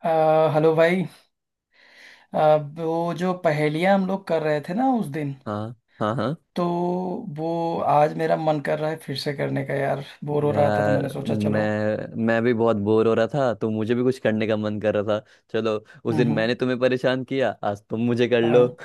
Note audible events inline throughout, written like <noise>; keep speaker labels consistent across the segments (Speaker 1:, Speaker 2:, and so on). Speaker 1: अ, hello भाई। वो जो पहेलियां हम लोग कर रहे थे ना उस दिन,
Speaker 2: हाँ हाँ हाँ,
Speaker 1: तो वो आज मेरा मन कर रहा है फिर से करने का। यार, बोर हो रहा था तो
Speaker 2: यार,
Speaker 1: मैंने सोचा चलो।
Speaker 2: मैं मैं भी बहुत बोर हो रहा था, तो मुझे भी कुछ करने का मन कर रहा था। चलो, उस दिन
Speaker 1: हम्म।
Speaker 2: मैंने तुम्हें परेशान किया, आज तुम मुझे कर लो।
Speaker 1: हाँ।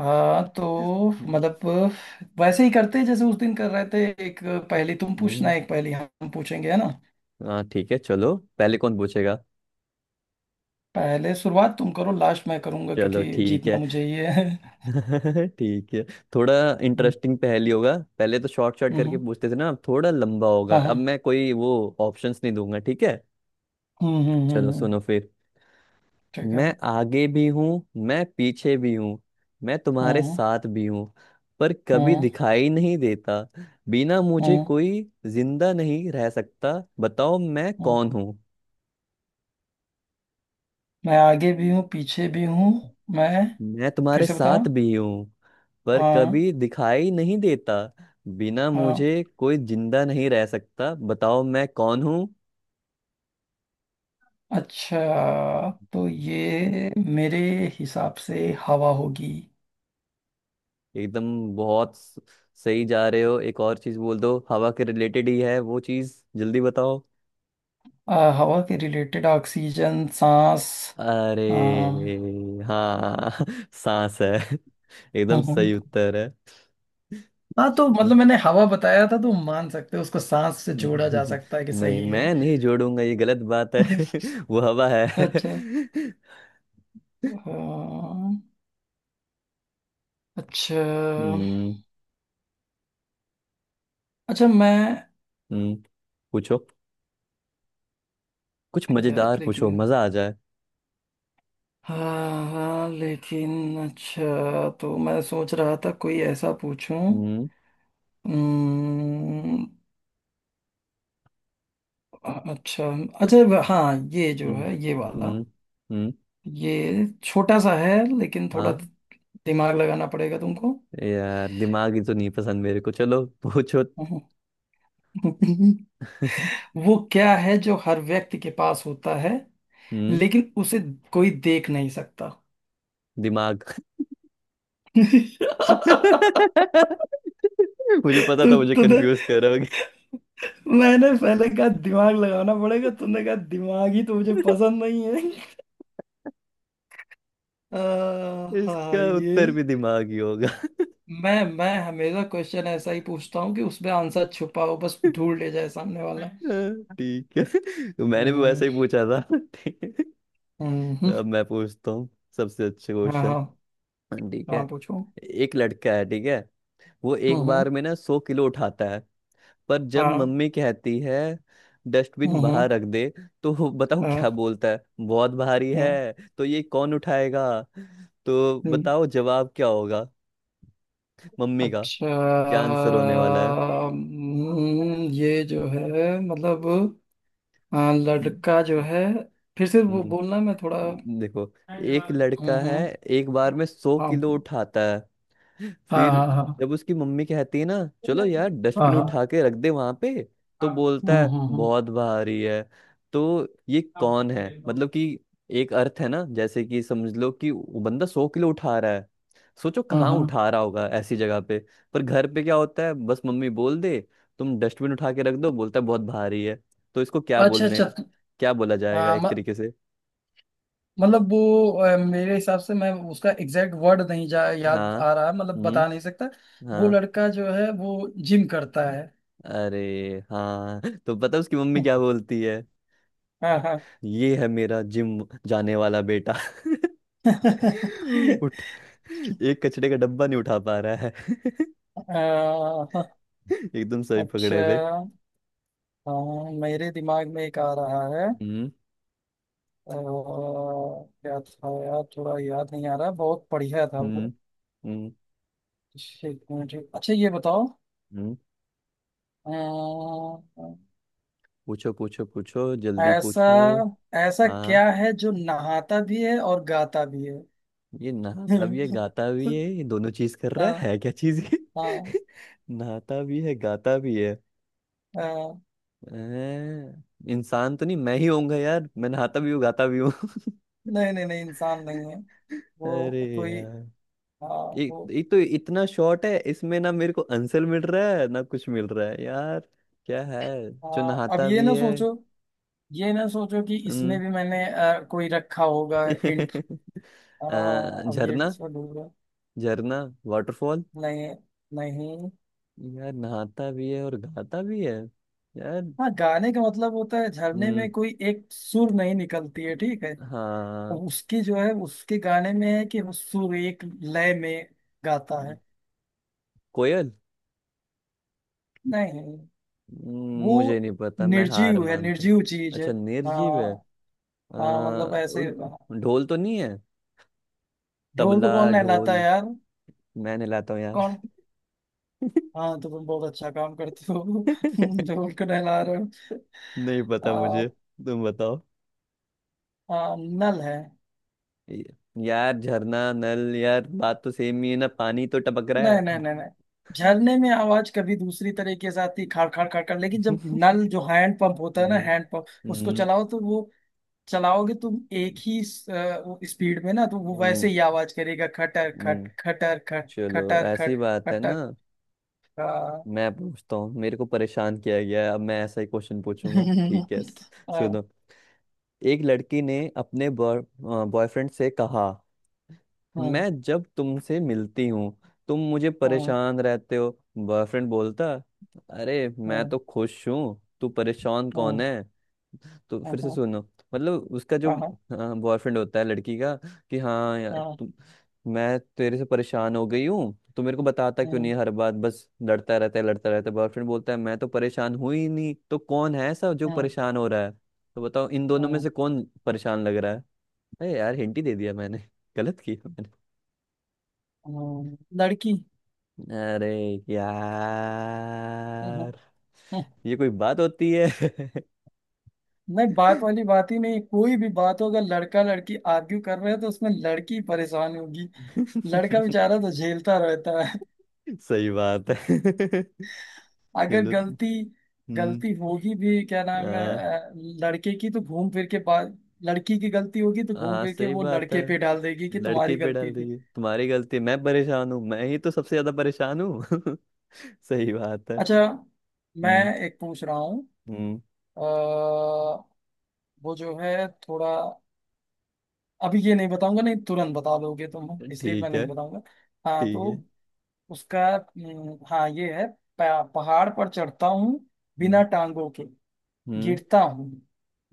Speaker 1: हाँ, तो मतलब वैसे ही करते हैं जैसे उस दिन कर रहे थे। एक पहेली तुम
Speaker 2: हम्म,
Speaker 1: पूछना, एक पहेली हम पूछेंगे, है ना?
Speaker 2: हाँ ठीक है, चलो पहले कौन पूछेगा।
Speaker 1: पहले शुरुआत तुम करो, लास्ट मैं करूंगा
Speaker 2: चलो
Speaker 1: क्योंकि
Speaker 2: ठीक
Speaker 1: जीतना
Speaker 2: है।
Speaker 1: मुझे ये है।
Speaker 2: <laughs> ठीक है, थोड़ा
Speaker 1: हम्म
Speaker 2: इंटरेस्टिंग पहेली होगा। पहले तो शॉर्ट शॉर्ट करके
Speaker 1: हम्म,
Speaker 2: पूछते थे ना, अब थोड़ा लंबा होगा।
Speaker 1: हाँ हाँ।
Speaker 2: अब मैं कोई वो ऑप्शंस नहीं दूंगा, ठीक है।
Speaker 1: हम्म हम्म
Speaker 2: चलो
Speaker 1: हम्म हम्म,
Speaker 2: सुनो फिर।
Speaker 1: ठीक है।
Speaker 2: मैं आगे भी हूँ, मैं पीछे भी हूँ, मैं तुम्हारे
Speaker 1: हम्म
Speaker 2: साथ भी हूँ, पर कभी
Speaker 1: हम्म
Speaker 2: दिखाई नहीं देता। बिना मुझे
Speaker 1: हम्म
Speaker 2: कोई जिंदा नहीं रह सकता। बताओ मैं
Speaker 1: हम्म।
Speaker 2: कौन हूँ।
Speaker 1: मैं आगे भी हूँ, पीछे भी हूँ। मैं
Speaker 2: मैं
Speaker 1: फिर
Speaker 2: तुम्हारे
Speaker 1: से बताना।
Speaker 2: साथ भी हूँ, पर
Speaker 1: हाँ
Speaker 2: कभी दिखाई नहीं देता। बिना
Speaker 1: हाँ।
Speaker 2: मुझे कोई जिंदा नहीं रह सकता। बताओ मैं कौन हूँ।
Speaker 1: अच्छा, तो
Speaker 2: हम्म।
Speaker 1: ये मेरे हिसाब से हवा होगी।
Speaker 2: एकदम, बहुत सही जा रहे हो, एक और चीज बोल दो, हवा के रिलेटेड ही है वो चीज, जल्दी बताओ।
Speaker 1: हवा के रिलेटेड, ऑक्सीजन, सांस।
Speaker 2: अरे
Speaker 1: आ, हम्म,
Speaker 2: हाँ <laughs> सांस है, एकदम
Speaker 1: हाँ।
Speaker 2: सही उत्तर है।
Speaker 1: हाँ, तो मतलब
Speaker 2: <laughs>
Speaker 1: मैंने हवा बताया था, तो मान सकते हो उसको सांस से जोड़ा जा सकता है कि सही
Speaker 2: नहीं
Speaker 1: है।
Speaker 2: मैं नहीं जोड़ूंगा, ये गलत बात है।
Speaker 1: <laughs>
Speaker 2: <laughs> वो हवा है।
Speaker 1: अच्छा।
Speaker 2: <laughs>
Speaker 1: हाँ, अच्छा
Speaker 2: हम्म
Speaker 1: अच्छा। मैं
Speaker 2: हम्म, पूछो, कुछ
Speaker 1: यार
Speaker 2: मजेदार पूछो,
Speaker 1: लेकिन,
Speaker 2: मजा आ जाए।
Speaker 1: हाँ हाँ लेकिन, अच्छा, तो मैं सोच रहा था कोई ऐसा पूछूं।
Speaker 2: हम्म
Speaker 1: हम्म, अच्छा अच्छा। हाँ, ये जो
Speaker 2: हम्म
Speaker 1: है ये वाला।
Speaker 2: हम्म हम्म,
Speaker 1: ये छोटा सा है, लेकिन थोड़ा
Speaker 2: हाँ,
Speaker 1: दिमाग लगाना पड़ेगा तुमको।
Speaker 2: यार दिमाग ही तो नहीं पसंद मेरे को, चलो पूछो।
Speaker 1: <laughs>
Speaker 2: <laughs>
Speaker 1: वो क्या है जो हर व्यक्ति के पास होता है,
Speaker 2: हम्म,
Speaker 1: लेकिन उसे कोई देख नहीं सकता?
Speaker 2: दिमाग।
Speaker 1: <laughs>
Speaker 2: <laughs> मुझे पता
Speaker 1: तो
Speaker 2: था मुझे
Speaker 1: तुमने
Speaker 2: कंफ्यूज करोगे।
Speaker 1: मैंने पहले कहा दिमाग लगाना पड़ेगा, तुमने कहा दिमाग ही तो मुझे पसंद नहीं है। अ, हाँ,
Speaker 2: इसका
Speaker 1: ये
Speaker 2: उत्तर भी दिमाग ही होगा।
Speaker 1: मैं हमेशा क्वेश्चन ऐसा ही पूछता हूँ कि उसमें आंसर छुपा हो, बस ढूंढ ले जाए सामने वाला।
Speaker 2: हाँ, ठीक है, तो मैंने भी
Speaker 1: हम्म।
Speaker 2: वैसे ही पूछा था। ठीक है।
Speaker 1: हम्म हम्म हम्म,
Speaker 2: अब मैं पूछता हूँ सबसे अच्छे
Speaker 1: हाँ
Speaker 2: क्वेश्चन।
Speaker 1: हाँ
Speaker 2: ठीक है।
Speaker 1: हाँ। पूछो।
Speaker 2: एक लड़का है, ठीक है, वो
Speaker 1: हम्म
Speaker 2: एक बार
Speaker 1: हम्म,
Speaker 2: में ना 100 किलो उठाता है, पर जब
Speaker 1: हाँ।
Speaker 2: मम्मी कहती है
Speaker 1: हम्म
Speaker 2: डस्टबिन
Speaker 1: हम्म,
Speaker 2: बाहर रख दे, तो वो बताओ क्या
Speaker 1: हाँ
Speaker 2: बोलता है, बहुत भारी
Speaker 1: हाँ,
Speaker 2: है, तो ये कौन उठाएगा। तो
Speaker 1: हम्म,
Speaker 2: बताओ जवाब क्या होगा मम्मी का।
Speaker 1: अच्छा।
Speaker 2: क्या आंसर होने वाला है।
Speaker 1: ये जो है मतलब, हाँ, लड़का जो है, फिर से वो बोलना, मैं थोड़ा
Speaker 2: हम्म। देखो, एक लड़का है,
Speaker 1: हम्म।
Speaker 2: एक बार में 100 किलो
Speaker 1: हाँ
Speaker 2: उठाता है,
Speaker 1: हाँ
Speaker 2: फिर
Speaker 1: हाँ हाँ
Speaker 2: जब उसकी मम्मी कहती है ना, चलो यार
Speaker 1: हाँ
Speaker 2: डस्टबिन
Speaker 1: हाँ
Speaker 2: उठा के रख दे वहां पे, तो
Speaker 1: हाँ।
Speaker 2: बोलता
Speaker 1: हम्म
Speaker 2: है
Speaker 1: हम्म हम्म।
Speaker 2: बहुत भारी है। तो ये
Speaker 1: हाँ,
Speaker 2: कौन
Speaker 1: ये
Speaker 2: है,
Speaker 1: देखो।
Speaker 2: मतलब कि एक अर्थ है ना, जैसे कि समझ लो कि वो बंदा 100 किलो उठा रहा है, सोचो
Speaker 1: हाँ
Speaker 2: कहाँ उठा
Speaker 1: हाँ।
Speaker 2: रहा होगा, ऐसी जगह पे। पर घर पे क्या होता है, बस मम्मी बोल दे तुम डस्टबिन उठा के रख दो, बोलता है बहुत भारी है। तो इसको क्या
Speaker 1: अच्छा
Speaker 2: बोलने,
Speaker 1: अच्छा।
Speaker 2: क्या बोला जाएगा
Speaker 1: आ, म,
Speaker 2: एक तरीके से।
Speaker 1: मतलब वो, मेरे हिसाब से, मैं उसका एग्जैक्ट वर्ड नहीं जा याद
Speaker 2: हाँ,
Speaker 1: आ रहा है, मतलब
Speaker 2: हम्म,
Speaker 1: बता नहीं सकता। वो
Speaker 2: हाँ।
Speaker 1: लड़का जो है वो जिम करता है।
Speaker 2: अरे हाँ <laughs> तो पता उसकी मम्मी क्या बोलती है,
Speaker 1: हाँ हाँ।
Speaker 2: ये है मेरा जिम जाने वाला बेटा। <laughs>
Speaker 1: <laughs>
Speaker 2: उठ, एक कचरे का डब्बा नहीं उठा पा रहा है। <laughs>
Speaker 1: अ,
Speaker 2: एकदम सही
Speaker 1: अच्छा।
Speaker 2: पकड़े थे।
Speaker 1: हाँ, मेरे दिमाग में एक आ रहा है।
Speaker 2: हम्म
Speaker 1: क्या था यार, थोड़ा याद नहीं आ रहा, बहुत बढ़िया था वो।
Speaker 2: हम्म हम्म
Speaker 1: एक मिनट। अच्छा, ये बताओ।
Speaker 2: हम्म,
Speaker 1: अ,
Speaker 2: पूछो पूछो पूछो, जल्दी
Speaker 1: ऐसा
Speaker 2: पूछो।
Speaker 1: ऐसा
Speaker 2: हाँ,
Speaker 1: क्या है जो नहाता भी है और गाता भी है?
Speaker 2: ये नहाता भी है
Speaker 1: <laughs>
Speaker 2: गाता भी है, ये दोनों चीज कर रहा
Speaker 1: हाँ
Speaker 2: है क्या चीज ये।
Speaker 1: हाँ
Speaker 2: <laughs> नहाता भी है गाता भी है।
Speaker 1: हाँ।
Speaker 2: हैं? इंसान तो नहीं, मैं ही होऊंगा यार, मैं नहाता भी हूँ गाता भी हूँ। <laughs>
Speaker 1: नहीं नहीं, नहीं इंसान नहीं है।
Speaker 2: अरे
Speaker 1: वो कोई
Speaker 2: यार,
Speaker 1: हाँ।
Speaker 2: ये
Speaker 1: वो
Speaker 2: ये तो इतना शॉर्ट है, इसमें ना मेरे को आंसर मिल रहा है ना कुछ मिल रहा है यार। क्या है जो
Speaker 1: हाँ, अब
Speaker 2: नहाता
Speaker 1: ये
Speaker 2: भी
Speaker 1: ना
Speaker 2: है।
Speaker 1: सोचो, ये ना सोचो कि इसमें
Speaker 2: हम्म,
Speaker 1: भी मैंने कोई रखा होगा हिंट।
Speaker 2: <laughs>
Speaker 1: हाँ, अब ये
Speaker 2: झरना,
Speaker 1: इसमें ढूंढो।
Speaker 2: झरना, वाटरफॉल।
Speaker 1: नहीं नहीं।
Speaker 2: यार नहाता भी है और गाता भी है, यार।
Speaker 1: हाँ, गाने का मतलब होता है, झरने
Speaker 2: हम्म,
Speaker 1: में कोई एक सुर नहीं निकलती है, ठीक है।
Speaker 2: हाँ,
Speaker 1: और उसकी जो है उसके गाने में है कि वो सुर एक लय में गाता है।
Speaker 2: कोयल।
Speaker 1: नहीं। वो
Speaker 2: मुझे नहीं पता, मैं हार
Speaker 1: निर्जीव है,
Speaker 2: मानता हूँ।
Speaker 1: निर्जीव चीज है।
Speaker 2: अच्छा,
Speaker 1: हाँ
Speaker 2: निर्जीव है। अ,
Speaker 1: हाँ, मतलब ऐसे, हाँ।
Speaker 2: ढोल तो नहीं है।
Speaker 1: ढोल को
Speaker 2: तबला,
Speaker 1: कौन नहलाता
Speaker 2: ढोल,
Speaker 1: है यार?
Speaker 2: मैं नहलाता हूँ यार।
Speaker 1: कौन? हाँ, तो तुम बहुत अच्छा काम करते हो। <laughs>
Speaker 2: <laughs>
Speaker 1: ढोल को नहला रहे हो।
Speaker 2: नहीं पता
Speaker 1: आ,
Speaker 2: मुझे, तुम बताओ।
Speaker 1: आ, नल है।
Speaker 2: ये- यार झरना नल, यार बात तो सेम ही है ना, पानी तो टपक रहा
Speaker 1: नहीं नहीं
Speaker 2: है।
Speaker 1: नहीं नहीं। झरने में आवाज कभी दूसरी तरीके से आती, खाड़ खाड़ खाड़ खाड़, लेकिन जब
Speaker 2: <laughs>
Speaker 1: नल, जो हैंड पंप होता है ना,
Speaker 2: हम्म
Speaker 1: हैंड पंप, उसको
Speaker 2: हम्म
Speaker 1: चलाओ तो वो, चलाओगे तुम एक ही स्पीड में, ना तो वो वैसे
Speaker 2: हम्म,
Speaker 1: ही आवाज करेगा, खटर खट
Speaker 2: हम्म,
Speaker 1: खटर खट
Speaker 2: चलो
Speaker 1: खटर
Speaker 2: ऐसी
Speaker 1: खट
Speaker 2: बात है ना।
Speaker 1: खटर। हाँ।
Speaker 2: मैं पूछता हूँ, मेरे को परेशान किया गया है, अब मैं ऐसा ही क्वेश्चन पूछूंगा,
Speaker 1: <laughs>
Speaker 2: ठीक है
Speaker 1: हाँ
Speaker 2: सुनो। एक लड़की ने अपने बॉयफ्रेंड से कहा,
Speaker 1: हाँ
Speaker 2: मैं जब तुमसे मिलती हूँ तुम मुझे
Speaker 1: हाँ
Speaker 2: परेशान रहते हो। बॉयफ्रेंड बोलता, अरे मैं
Speaker 1: हाँ
Speaker 2: तो खुश हूँ, तू परेशान कौन
Speaker 1: हाँ
Speaker 2: है। तो
Speaker 1: हाँ
Speaker 2: फिर से
Speaker 1: हाँ
Speaker 2: सुनो। मतलब उसका जो बॉयफ्रेंड होता है लड़की का, कि हाँ यार
Speaker 1: हाँ
Speaker 2: तुम, मैं तेरे से परेशान हो गई हूँ, तो मेरे को बताता क्यों नहीं है, हर बात बस लड़ता रहता है लड़ता रहता है। बॉयफ्रेंड बोलता है मैं तो परेशान हुई ही नहीं, तो कौन है ऐसा जो
Speaker 1: हाँ
Speaker 2: परेशान हो रहा है। तो बताओ इन दोनों में
Speaker 1: हाँ
Speaker 2: से कौन परेशान लग रहा है। अरे यार हिंट ही दे दिया मैंने, <laughs> गलत किया मैंने।
Speaker 1: हाँ। लड़की।
Speaker 2: अरे यार, ये कोई बात होती है।
Speaker 1: नहीं, बात वाली बात ही नहीं, कोई भी बात हो, अगर लड़का लड़की आर्ग्यू कर रहे हैं तो उसमें लड़की परेशान होगी। लड़का बेचारा तो झेलता रहता।
Speaker 2: <laughs> सही बात है। <laughs>
Speaker 1: अगर
Speaker 2: चलो,
Speaker 1: गलती
Speaker 2: हम्म,
Speaker 1: गलती होगी भी, क्या नाम है,
Speaker 2: हाँ
Speaker 1: लड़के की तो घूम फिर के पास, लड़की की गलती होगी तो घूम
Speaker 2: हाँ
Speaker 1: फिर के
Speaker 2: सही
Speaker 1: वो
Speaker 2: बात है।
Speaker 1: लड़के पे डाल देगी कि
Speaker 2: लड़की
Speaker 1: तुम्हारी
Speaker 2: पे डाल
Speaker 1: गलती थी।
Speaker 2: दीजिए तुम्हारी गलती, मैं परेशान हूँ, मैं ही तो सबसे ज्यादा परेशान हूँ। <laughs> सही बात है।
Speaker 1: अच्छा, मैं
Speaker 2: हम्म
Speaker 1: एक पूछ रहा हूँ।
Speaker 2: हम्म,
Speaker 1: अ, वो जो है थोड़ा, अभी ये नहीं बताऊंगा, नहीं तुरंत बता दोगे तुम, इसलिए मैं
Speaker 2: ठीक है,
Speaker 1: नहीं बताऊंगा। हाँ,
Speaker 2: ठीक है,
Speaker 1: तो उसका हाँ, ये है। पहाड़ पर चढ़ता हूँ बिना
Speaker 2: हम्म
Speaker 1: टांगों के,
Speaker 2: हम्म
Speaker 1: गिरता हूँ,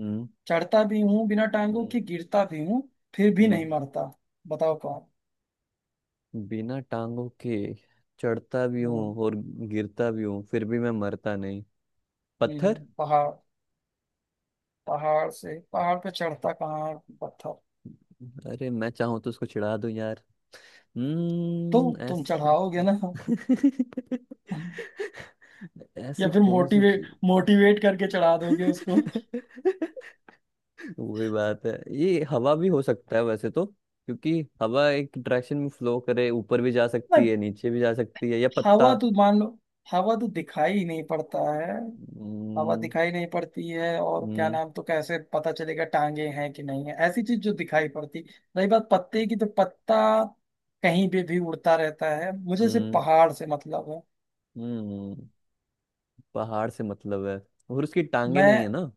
Speaker 2: हम्म
Speaker 1: चढ़ता भी हूँ बिना टांगों
Speaker 2: हम्म
Speaker 1: के, गिरता भी हूँ, फिर भी
Speaker 2: हम्म।
Speaker 1: नहीं मरता। बताओ कौन।
Speaker 2: बिना टांगों के चढ़ता भी
Speaker 1: हम्म
Speaker 2: हूँ और गिरता भी हूँ, फिर भी मैं मरता नहीं। पत्थर।
Speaker 1: पहाड़? पहाड़ से पहाड़ पे चढ़ता कहाँ? पत्थर?
Speaker 2: अरे मैं चाहूँ तो उसको चिढ़ा दूं यार।
Speaker 1: तो
Speaker 2: हम्म,
Speaker 1: तुम
Speaker 2: ऐसी।
Speaker 1: चढ़ाओगे ना। <laughs>
Speaker 2: <laughs>
Speaker 1: या
Speaker 2: ऐसी
Speaker 1: फिर
Speaker 2: कौन सी
Speaker 1: मोटिवेट
Speaker 2: चीज।
Speaker 1: मोटिवेट करके चढ़ा दोगे उसको।
Speaker 2: <laughs> वही बात है, ये हवा भी हो सकता है वैसे तो, क्योंकि हवा एक डायरेक्शन में फ्लो करे, ऊपर भी जा सकती
Speaker 1: नहीं।
Speaker 2: है नीचे भी जा सकती है, या पत्ता।
Speaker 1: हवा तो मान लो, हवा तो दिखाई ही नहीं पड़ता है। हवा
Speaker 2: हम्म
Speaker 1: दिखाई नहीं पड़ती है, और क्या
Speaker 2: हम्म
Speaker 1: नाम, तो कैसे पता चलेगा टांगे हैं कि नहीं है, ऐसी चीज जो दिखाई पड़ती। रही बात पत्ते की, तो पत्ता कहीं पे भी उड़ता रहता है, मुझे सिर्फ
Speaker 2: हम्म
Speaker 1: पहाड़ से मतलब है।
Speaker 2: हम्म, पहाड़ से मतलब है, और उसकी टांगे नहीं
Speaker 1: मैं
Speaker 2: है ना।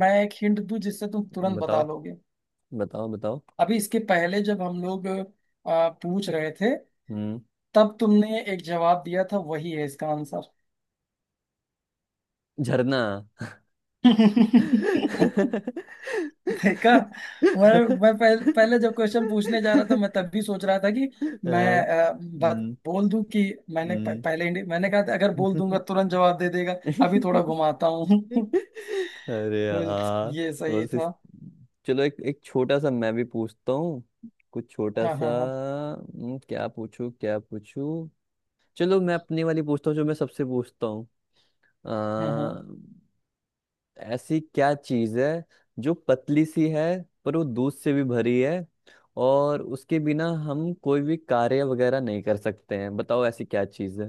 Speaker 1: मैं एक हिंट दूं जिससे तुम तुरंत बता
Speaker 2: बताओ
Speaker 1: लोगे।
Speaker 2: बताओ बताओ।
Speaker 1: अभी इसके पहले जब हम लोग पूछ रहे थे,
Speaker 2: हम्म,
Speaker 1: तब तुमने एक जवाब दिया था, वही है इसका आंसर।
Speaker 2: झरना। <laughs>
Speaker 1: <laughs> देखा? मैं पहले जब क्वेश्चन पूछने जा रहा था, मैं तब भी सोच रहा था कि मैं,
Speaker 2: हाँ,
Speaker 1: बात
Speaker 2: हम्म
Speaker 1: बोल दूं कि मैंने प-
Speaker 2: हम्म।
Speaker 1: पहले इंडि- मैंने कहा था अगर बोल दूंगा तुरंत जवाब दे देगा।
Speaker 2: <laughs>
Speaker 1: अभी थोड़ा
Speaker 2: <laughs>
Speaker 1: घुमाता हूँ। <laughs>
Speaker 2: अरे
Speaker 1: बिल-
Speaker 2: यार,
Speaker 1: ये सही
Speaker 2: बस इस,
Speaker 1: था।
Speaker 2: चलो एक एक छोटा सा मैं भी पूछता हूँ, कुछ छोटा
Speaker 1: हाँ
Speaker 2: सा।
Speaker 1: हाँ हाँ
Speaker 2: क्या पूछूं क्या पूछूं, चलो मैं अपनी वाली पूछता हूँ जो मैं सबसे पूछता हूँ।
Speaker 1: हाँ हाँ।
Speaker 2: अ, ऐसी क्या चीज़ है जो पतली सी है, पर वो दूध से भी भरी है, और उसके बिना हम कोई भी कार्य वगैरह नहीं कर सकते हैं, बताओ ऐसी क्या चीज़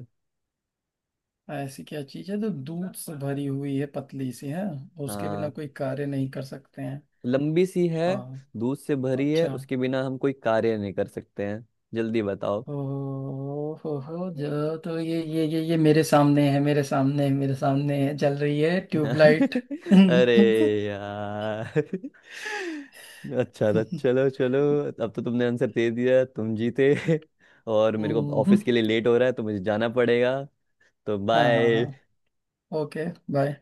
Speaker 1: ऐसी क्या चीज है जो दूध से भरी हुई है, पतली सी है, उसके बिना
Speaker 2: है,
Speaker 1: कोई कार्य नहीं कर सकते हैं?
Speaker 2: लंबी सी है,
Speaker 1: हाँ,
Speaker 2: दूध से भरी है,
Speaker 1: अच्छा।
Speaker 2: उसके बिना हम कोई कार्य नहीं कर सकते हैं, जल्दी बताओ।
Speaker 1: ओ हो हो! जो तो ये मेरे सामने है, मेरे सामने है, मेरे सामने है, जल रही है, ट्यूबलाइट! <laughs>
Speaker 2: <laughs> अरे
Speaker 1: हम्म।
Speaker 2: यार, अच्छा था, चलो चलो, अब तो तुमने आंसर दे दिया, तुम जीते। <laughs> और मेरे को ऑफिस के लिए लेट हो रहा है, तो मुझे जाना पड़ेगा, तो
Speaker 1: हाँ हाँ हाँ।
Speaker 2: बाय।
Speaker 1: ओके। बाय।